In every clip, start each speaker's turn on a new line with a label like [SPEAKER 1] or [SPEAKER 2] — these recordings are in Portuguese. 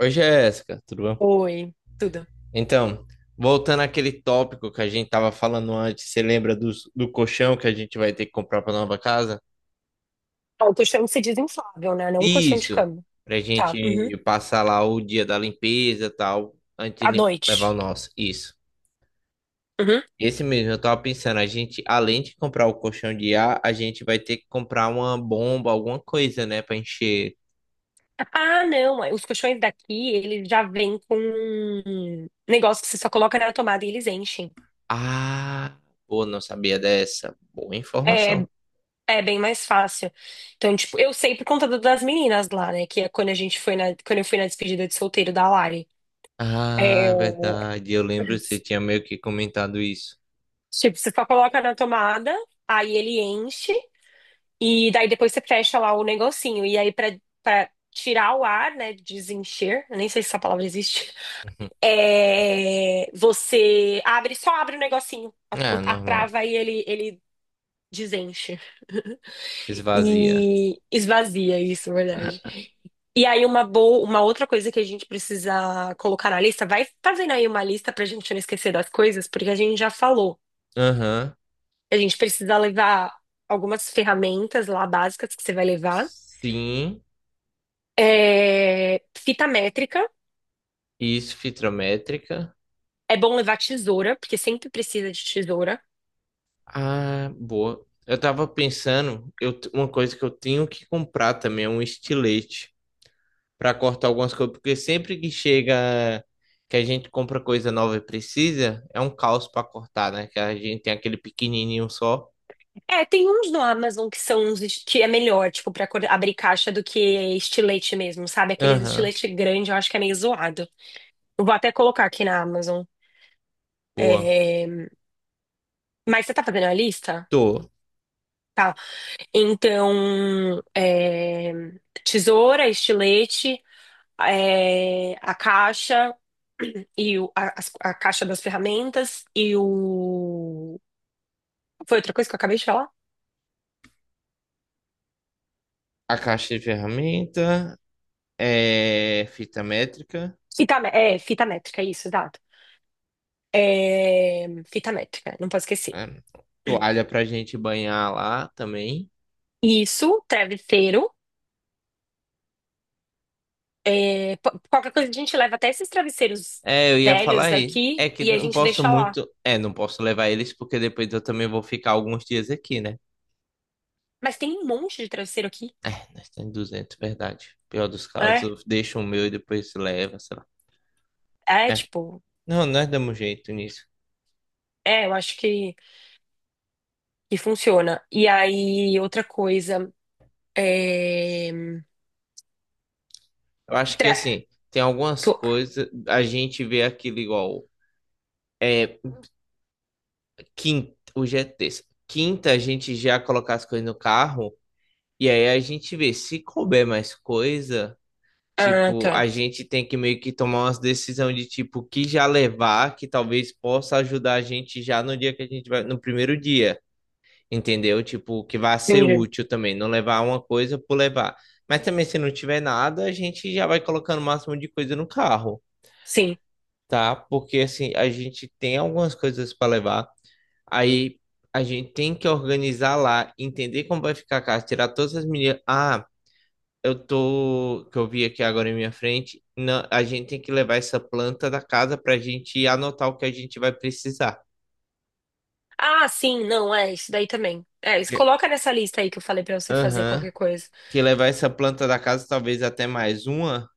[SPEAKER 1] Oi, Jéssica, tudo bom?
[SPEAKER 2] Oi, tudo.
[SPEAKER 1] Então, voltando àquele tópico que a gente tava falando antes, você lembra do colchão que a gente vai ter que comprar para nova casa?
[SPEAKER 2] Ah, o colchão se desinflável, né? Não um colchão de
[SPEAKER 1] Isso,
[SPEAKER 2] cama.
[SPEAKER 1] pra
[SPEAKER 2] Tá. Uhum.
[SPEAKER 1] gente passar lá o dia da limpeza e tal, antes de
[SPEAKER 2] À
[SPEAKER 1] levar o
[SPEAKER 2] noite.
[SPEAKER 1] nosso. Isso.
[SPEAKER 2] Uhum.
[SPEAKER 1] Esse mesmo, eu tava pensando, a gente, além de comprar o colchão de ar, a gente vai ter que comprar uma bomba, alguma coisa, né, pra encher.
[SPEAKER 2] Ah, não. Os colchões daqui, eles já vêm com um negócio que você só coloca na tomada e eles enchem.
[SPEAKER 1] Ah, pô, não sabia dessa. Boa
[SPEAKER 2] É,
[SPEAKER 1] informação.
[SPEAKER 2] é bem mais fácil. Então, tipo, eu sei por conta das meninas lá, né? Que é quando a gente foi na, quando eu fui na despedida de solteiro da Lari. É,
[SPEAKER 1] Ah, é verdade. Eu lembro que você tinha meio que comentado isso.
[SPEAKER 2] tipo, você só coloca na tomada, aí ele enche. E daí depois você fecha lá o negocinho. E aí, pra tirar o ar, né? Desencher, eu nem sei se essa palavra existe. É, você abre, só abre o negocinho, a,
[SPEAKER 1] Uhum.
[SPEAKER 2] o-
[SPEAKER 1] Ah,
[SPEAKER 2] a
[SPEAKER 1] normal.
[SPEAKER 2] trava e ele desenche.
[SPEAKER 1] Esvazia.
[SPEAKER 2] E esvazia isso, na verdade. E aí, uma outra coisa que a gente precisa colocar na lista, vai fazendo aí uma lista pra gente não esquecer das coisas, porque a gente já falou.
[SPEAKER 1] Aham.
[SPEAKER 2] A gente precisa levar algumas ferramentas lá básicas que você vai levar.
[SPEAKER 1] Sim.
[SPEAKER 2] É, fita métrica.
[SPEAKER 1] Isso, fitrométrica.
[SPEAKER 2] É bom levar tesoura, porque sempre precisa de tesoura.
[SPEAKER 1] Ah, boa. Eu tava pensando, uma coisa que eu tenho que comprar também é um estilete para cortar algumas coisas, porque sempre que chega que a gente compra coisa nova e precisa, é um caos para cortar, né? Que a gente tem aquele pequenininho só.
[SPEAKER 2] É, tem uns no Amazon que são que é melhor, tipo, pra abrir caixa do que estilete mesmo, sabe? Aqueles
[SPEAKER 1] Aham,
[SPEAKER 2] estilete grande, eu acho que é meio zoado. Eu Vou até colocar aqui na Amazon.
[SPEAKER 1] boa.
[SPEAKER 2] É, mas você tá fazendo a lista?
[SPEAKER 1] Tô.
[SPEAKER 2] Tá. Então, tesoura, estilete. A caixa e a caixa das ferramentas e o. Foi outra coisa que eu acabei de falar?
[SPEAKER 1] A caixa de ferramenta. É, fita métrica,
[SPEAKER 2] Fita métrica, isso, exato. É, fita métrica, não posso esquecer.
[SPEAKER 1] né? Toalha pra gente banhar lá também.
[SPEAKER 2] Isso, travesseiro. Qualquer coisa a gente leva até esses travesseiros
[SPEAKER 1] É, eu ia falar
[SPEAKER 2] velhos
[SPEAKER 1] aí. É
[SPEAKER 2] daqui
[SPEAKER 1] que
[SPEAKER 2] e a
[SPEAKER 1] não
[SPEAKER 2] gente
[SPEAKER 1] posso
[SPEAKER 2] deixa lá.
[SPEAKER 1] muito. É, não posso levar eles porque depois eu também vou ficar alguns dias aqui, né?
[SPEAKER 2] Mas tem um monte de travesseiro aqui.
[SPEAKER 1] Nós temos 200, verdade. Pior dos
[SPEAKER 2] É,
[SPEAKER 1] casos, deixa o meu e depois leva, sei lá.
[SPEAKER 2] é
[SPEAKER 1] É.
[SPEAKER 2] tipo,
[SPEAKER 1] Não, nós damos jeito nisso.
[SPEAKER 2] é, eu acho que funciona. E aí, outra coisa. É,
[SPEAKER 1] Eu acho que assim, tem algumas
[SPEAKER 2] tô.
[SPEAKER 1] coisas. A gente vê aquilo igual. É, quinta. Hoje é terça. Quinta, a gente já colocar as coisas no carro. E aí a gente vê, se couber mais coisa,
[SPEAKER 2] Ah,
[SPEAKER 1] tipo,
[SPEAKER 2] tá.
[SPEAKER 1] a gente tem que meio que tomar umas decisões de tipo que já levar, que talvez possa ajudar a gente já no dia que a gente vai, no primeiro dia, entendeu? Tipo, que vai ser
[SPEAKER 2] Entendi.
[SPEAKER 1] útil também, não levar uma coisa por levar. Mas também se não tiver nada, a gente já vai colocando o máximo de coisa no carro,
[SPEAKER 2] Sim.
[SPEAKER 1] tá? Porque assim, a gente tem algumas coisas para levar. Aí a gente tem que organizar lá, entender como vai ficar a casa, tirar todas as medidas. Ah, eu tô, que eu vi aqui agora em minha frente, não, a gente tem que levar essa planta da casa pra gente anotar o que a gente vai precisar.
[SPEAKER 2] Ah, sim, não, é isso daí também. É, isso,
[SPEAKER 1] Que,
[SPEAKER 2] coloca nessa lista aí que eu falei pra você fazer
[SPEAKER 1] aham,
[SPEAKER 2] qualquer coisa.
[SPEAKER 1] que levar essa planta da casa, talvez até mais uma,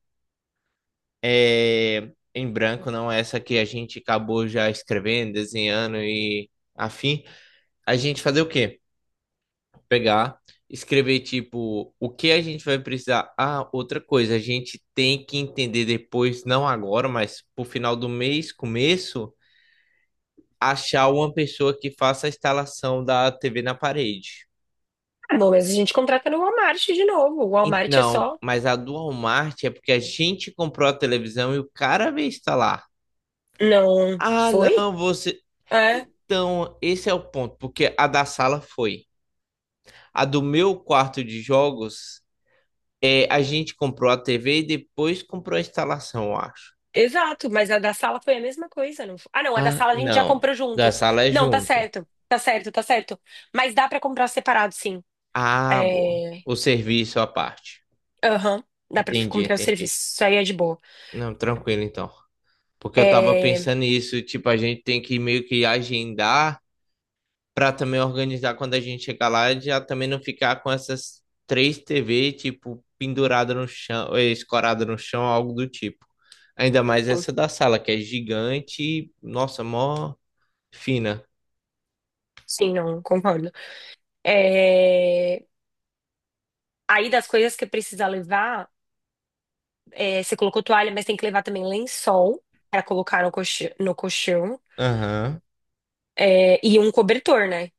[SPEAKER 1] é, em branco, não essa que a gente acabou já escrevendo, desenhando e afim. A gente fazer o quê? Pegar, escrever tipo o que a gente vai precisar. Ah, outra coisa, a gente tem que entender depois, não agora, mas pro final do mês, começo achar uma pessoa que faça a instalação da TV na parede.
[SPEAKER 2] Ah, bom, mas a gente contrata no Walmart de novo. O Walmart é
[SPEAKER 1] Não,
[SPEAKER 2] só.
[SPEAKER 1] mas a do Walmart é porque a gente comprou a televisão e o cara veio instalar.
[SPEAKER 2] Não.
[SPEAKER 1] Ah,
[SPEAKER 2] Foi?
[SPEAKER 1] não, você.
[SPEAKER 2] É,
[SPEAKER 1] Então, esse é o ponto, porque a da sala foi. A do meu quarto de jogos, é, a gente comprou a TV e depois comprou a instalação, eu acho.
[SPEAKER 2] exato. Mas a da sala foi a mesma coisa, não foi? Ah, não, a da
[SPEAKER 1] Ah,
[SPEAKER 2] sala a gente já
[SPEAKER 1] não.
[SPEAKER 2] comprou
[SPEAKER 1] Da
[SPEAKER 2] junto.
[SPEAKER 1] sala é
[SPEAKER 2] Não, tá
[SPEAKER 1] junto.
[SPEAKER 2] certo. Tá certo, tá certo. Mas dá pra comprar separado, sim.
[SPEAKER 1] Ah, boa.
[SPEAKER 2] É.
[SPEAKER 1] O serviço à parte.
[SPEAKER 2] Aham. Dá pra
[SPEAKER 1] Entendi,
[SPEAKER 2] comprar o serviço.
[SPEAKER 1] entendi.
[SPEAKER 2] Isso aí é de boa.
[SPEAKER 1] Não, tranquilo então. Porque eu tava
[SPEAKER 2] É.
[SPEAKER 1] pensando nisso, tipo, a gente tem que meio que agendar pra também organizar quando a gente chegar lá, já também não ficar com essas três TV, tipo, pendurada no chão, escorada no chão, algo do tipo. Ainda mais
[SPEAKER 2] Sim,
[SPEAKER 1] essa da sala, que é gigante, e, nossa, mó fina.
[SPEAKER 2] sim, não, concordo. É. Aí das coisas que precisa levar, é, você colocou toalha, mas tem que levar também lençol para colocar no colchão,
[SPEAKER 1] Aham.
[SPEAKER 2] é, e um cobertor, né?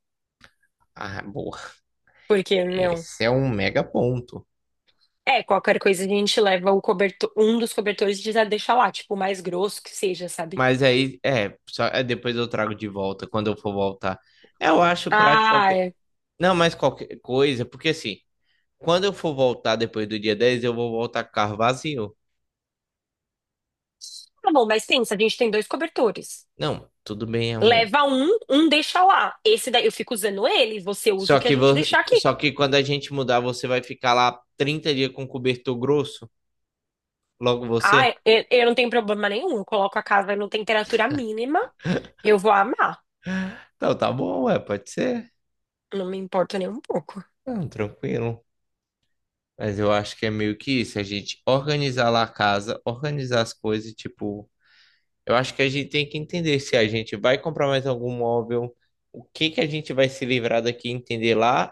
[SPEAKER 1] Ah, boa.
[SPEAKER 2] Porque, meu,
[SPEAKER 1] Esse é um mega ponto.
[SPEAKER 2] é, qualquer coisa a gente leva o cobertor, um dos cobertores e já deixa lá, tipo, o mais grosso que seja, sabe?
[SPEAKER 1] Mas aí, é, só, é, depois eu trago de volta, quando eu for voltar. Eu acho prático
[SPEAKER 2] Ah,
[SPEAKER 1] qualquer.
[SPEAKER 2] é.
[SPEAKER 1] Não, mas qualquer coisa, porque assim. Quando eu for voltar depois do dia 10, eu vou voltar com o carro vazio.
[SPEAKER 2] Tá bom, mas pensa, a gente tem dois cobertores.
[SPEAKER 1] Não, tudo bem, amor.
[SPEAKER 2] Leva um, um deixa lá. Esse daí eu fico usando ele, você usa o
[SPEAKER 1] Só
[SPEAKER 2] que a
[SPEAKER 1] que,
[SPEAKER 2] gente deixar aqui.
[SPEAKER 1] só que quando a gente mudar, você vai ficar lá 30 dias com cobertor grosso? Logo
[SPEAKER 2] Ah,
[SPEAKER 1] você?
[SPEAKER 2] eu não tenho problema nenhum, eu coloco a casa na temperatura mínima, eu vou amar.
[SPEAKER 1] Não, tá bom, ué, pode ser.
[SPEAKER 2] Não me importa nem um pouco.
[SPEAKER 1] Não, tranquilo. Mas eu acho que é meio que isso, a gente organizar lá a casa, organizar as coisas, tipo, eu acho que a gente tem que entender se a gente vai comprar mais algum móvel, o que que a gente vai se livrar daqui, entender lá.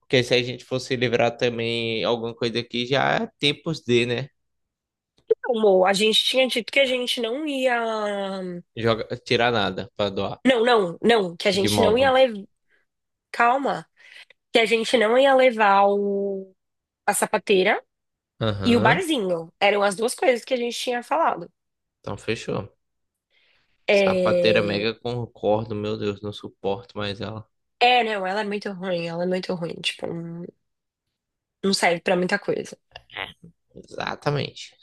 [SPEAKER 1] Porque se a gente fosse livrar também alguma coisa aqui, já é tempos de, né?
[SPEAKER 2] Não, Mo, a gente tinha dito que a gente não ia.
[SPEAKER 1] Joga, tirar nada pra doar
[SPEAKER 2] Não, não, não, que a
[SPEAKER 1] de
[SPEAKER 2] gente não ia
[SPEAKER 1] imóvel.
[SPEAKER 2] levar. Calma, que a gente não ia levar o... a sapateira e o
[SPEAKER 1] Aham.
[SPEAKER 2] barzinho. Eram as duas coisas que a gente tinha falado.
[SPEAKER 1] Então fechou. Sapateira
[SPEAKER 2] É,
[SPEAKER 1] mega concordo, meu Deus, não suporto mais ela.
[SPEAKER 2] é, não, ela é muito ruim, ela é muito ruim. Tipo, não não serve pra muita coisa.
[SPEAKER 1] É, exatamente.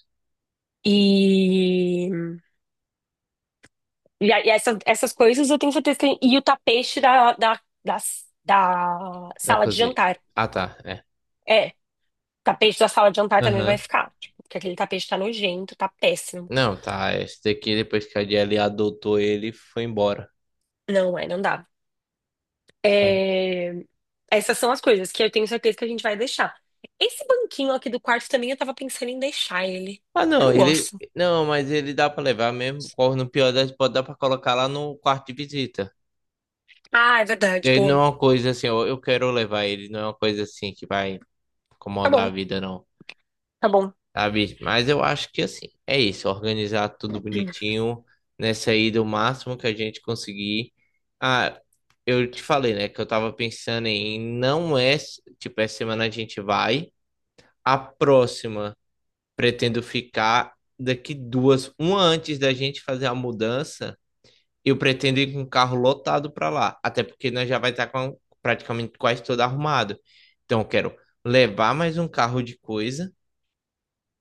[SPEAKER 2] E, e essas coisas eu tenho certeza que. E o tapete da
[SPEAKER 1] Da
[SPEAKER 2] sala de
[SPEAKER 1] cozinha.
[SPEAKER 2] jantar.
[SPEAKER 1] Ah, tá. É.
[SPEAKER 2] É, tapete da sala de jantar também vai
[SPEAKER 1] Aham.
[SPEAKER 2] ficar. Tipo, porque aquele tapete tá nojento, tá péssimo.
[SPEAKER 1] Não, tá. Esse daqui, depois que a Jelly adotou ele, foi embora.
[SPEAKER 2] Não é, não dá.
[SPEAKER 1] Sabe?
[SPEAKER 2] É, essas são as coisas que eu tenho certeza que a gente vai deixar. Esse banquinho aqui do quarto também eu tava pensando em deixar ele.
[SPEAKER 1] Ah,
[SPEAKER 2] Eu
[SPEAKER 1] não,
[SPEAKER 2] não
[SPEAKER 1] ele.
[SPEAKER 2] gosto.
[SPEAKER 1] Não, mas ele dá pra levar mesmo. Corre no pior das, pode dar pra colocar lá no quarto de visita.
[SPEAKER 2] Ah, é verdade,
[SPEAKER 1] Ele não
[SPEAKER 2] boa.
[SPEAKER 1] é uma coisa assim, eu quero levar ele, não é uma coisa assim que vai
[SPEAKER 2] Tá
[SPEAKER 1] incomodar a
[SPEAKER 2] bom,
[SPEAKER 1] vida, não,
[SPEAKER 2] tá bom.
[SPEAKER 1] sabe? Mas eu acho que assim, é isso, organizar tudo bonitinho, nessa ida o máximo que a gente conseguir. Ah, eu te falei, né, que eu tava pensando em não é, tipo, essa semana a gente vai, a próxima pretendo ficar daqui duas, uma antes da gente fazer a mudança. Eu pretendo ir com o carro lotado para lá, até porque nós já vai estar com praticamente quase todo arrumado. Então, eu quero levar mais um carro de coisa.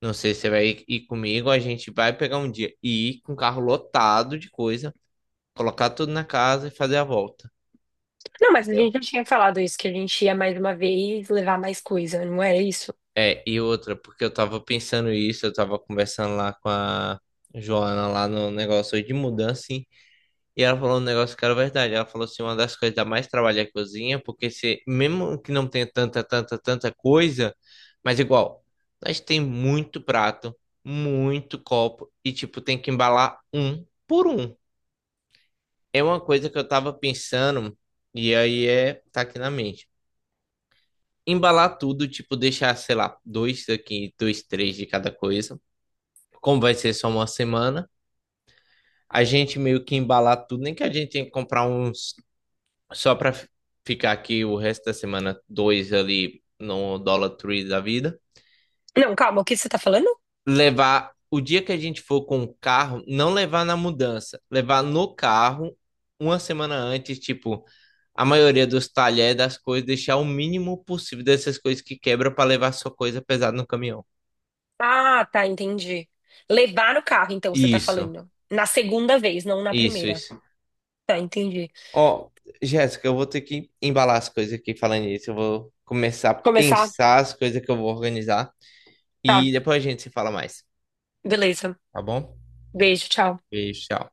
[SPEAKER 1] Não sei se você vai ir comigo, a gente vai pegar um dia e ir com o carro lotado de coisa, colocar tudo na casa e fazer a volta,
[SPEAKER 2] Não, mas a
[SPEAKER 1] entendeu?
[SPEAKER 2] gente já tinha falado isso, que a gente ia mais uma vez levar mais coisa, não era isso?
[SPEAKER 1] É, e outra, porque eu tava pensando isso, eu tava conversando lá com a Joana lá no negócio de mudança. E ela falou um negócio que era verdade. Ela falou assim, uma das coisas que dá mais trabalho é a cozinha, porque se, mesmo que não tenha tanta, tanta, tanta coisa, mas igual, nós tem muito prato, muito copo, e tipo, tem que embalar um por um. É uma coisa que eu tava pensando, e aí é, tá aqui na mente. Embalar tudo, tipo, deixar, sei lá, dois aqui, dois, três de cada coisa. Como vai ser só uma semana, a gente meio que embalar tudo, nem que a gente tenha que comprar uns só para ficar aqui o resto da semana, dois ali no Dollar Tree da vida.
[SPEAKER 2] Não, calma, o que você tá falando?
[SPEAKER 1] Levar o dia que a gente for com o carro, não levar na mudança, levar no carro uma semana antes, tipo, a maioria dos talheres das coisas, deixar o mínimo possível dessas coisas que quebra para levar sua coisa pesada no caminhão.
[SPEAKER 2] Ah, tá, entendi. Levar no carro, então, você tá
[SPEAKER 1] Isso,
[SPEAKER 2] falando. Na segunda vez, não na
[SPEAKER 1] isso,
[SPEAKER 2] primeira.
[SPEAKER 1] isso.
[SPEAKER 2] Tá, entendi.
[SPEAKER 1] Ó, Jéssica, eu vou ter que embalar as coisas aqui falando isso. Eu vou começar a
[SPEAKER 2] Começar?
[SPEAKER 1] pensar as coisas que eu vou organizar
[SPEAKER 2] Tá,
[SPEAKER 1] e depois a gente se fala mais.
[SPEAKER 2] beleza.
[SPEAKER 1] Tá bom?
[SPEAKER 2] Beijo, tchau.
[SPEAKER 1] Beijo, tchau.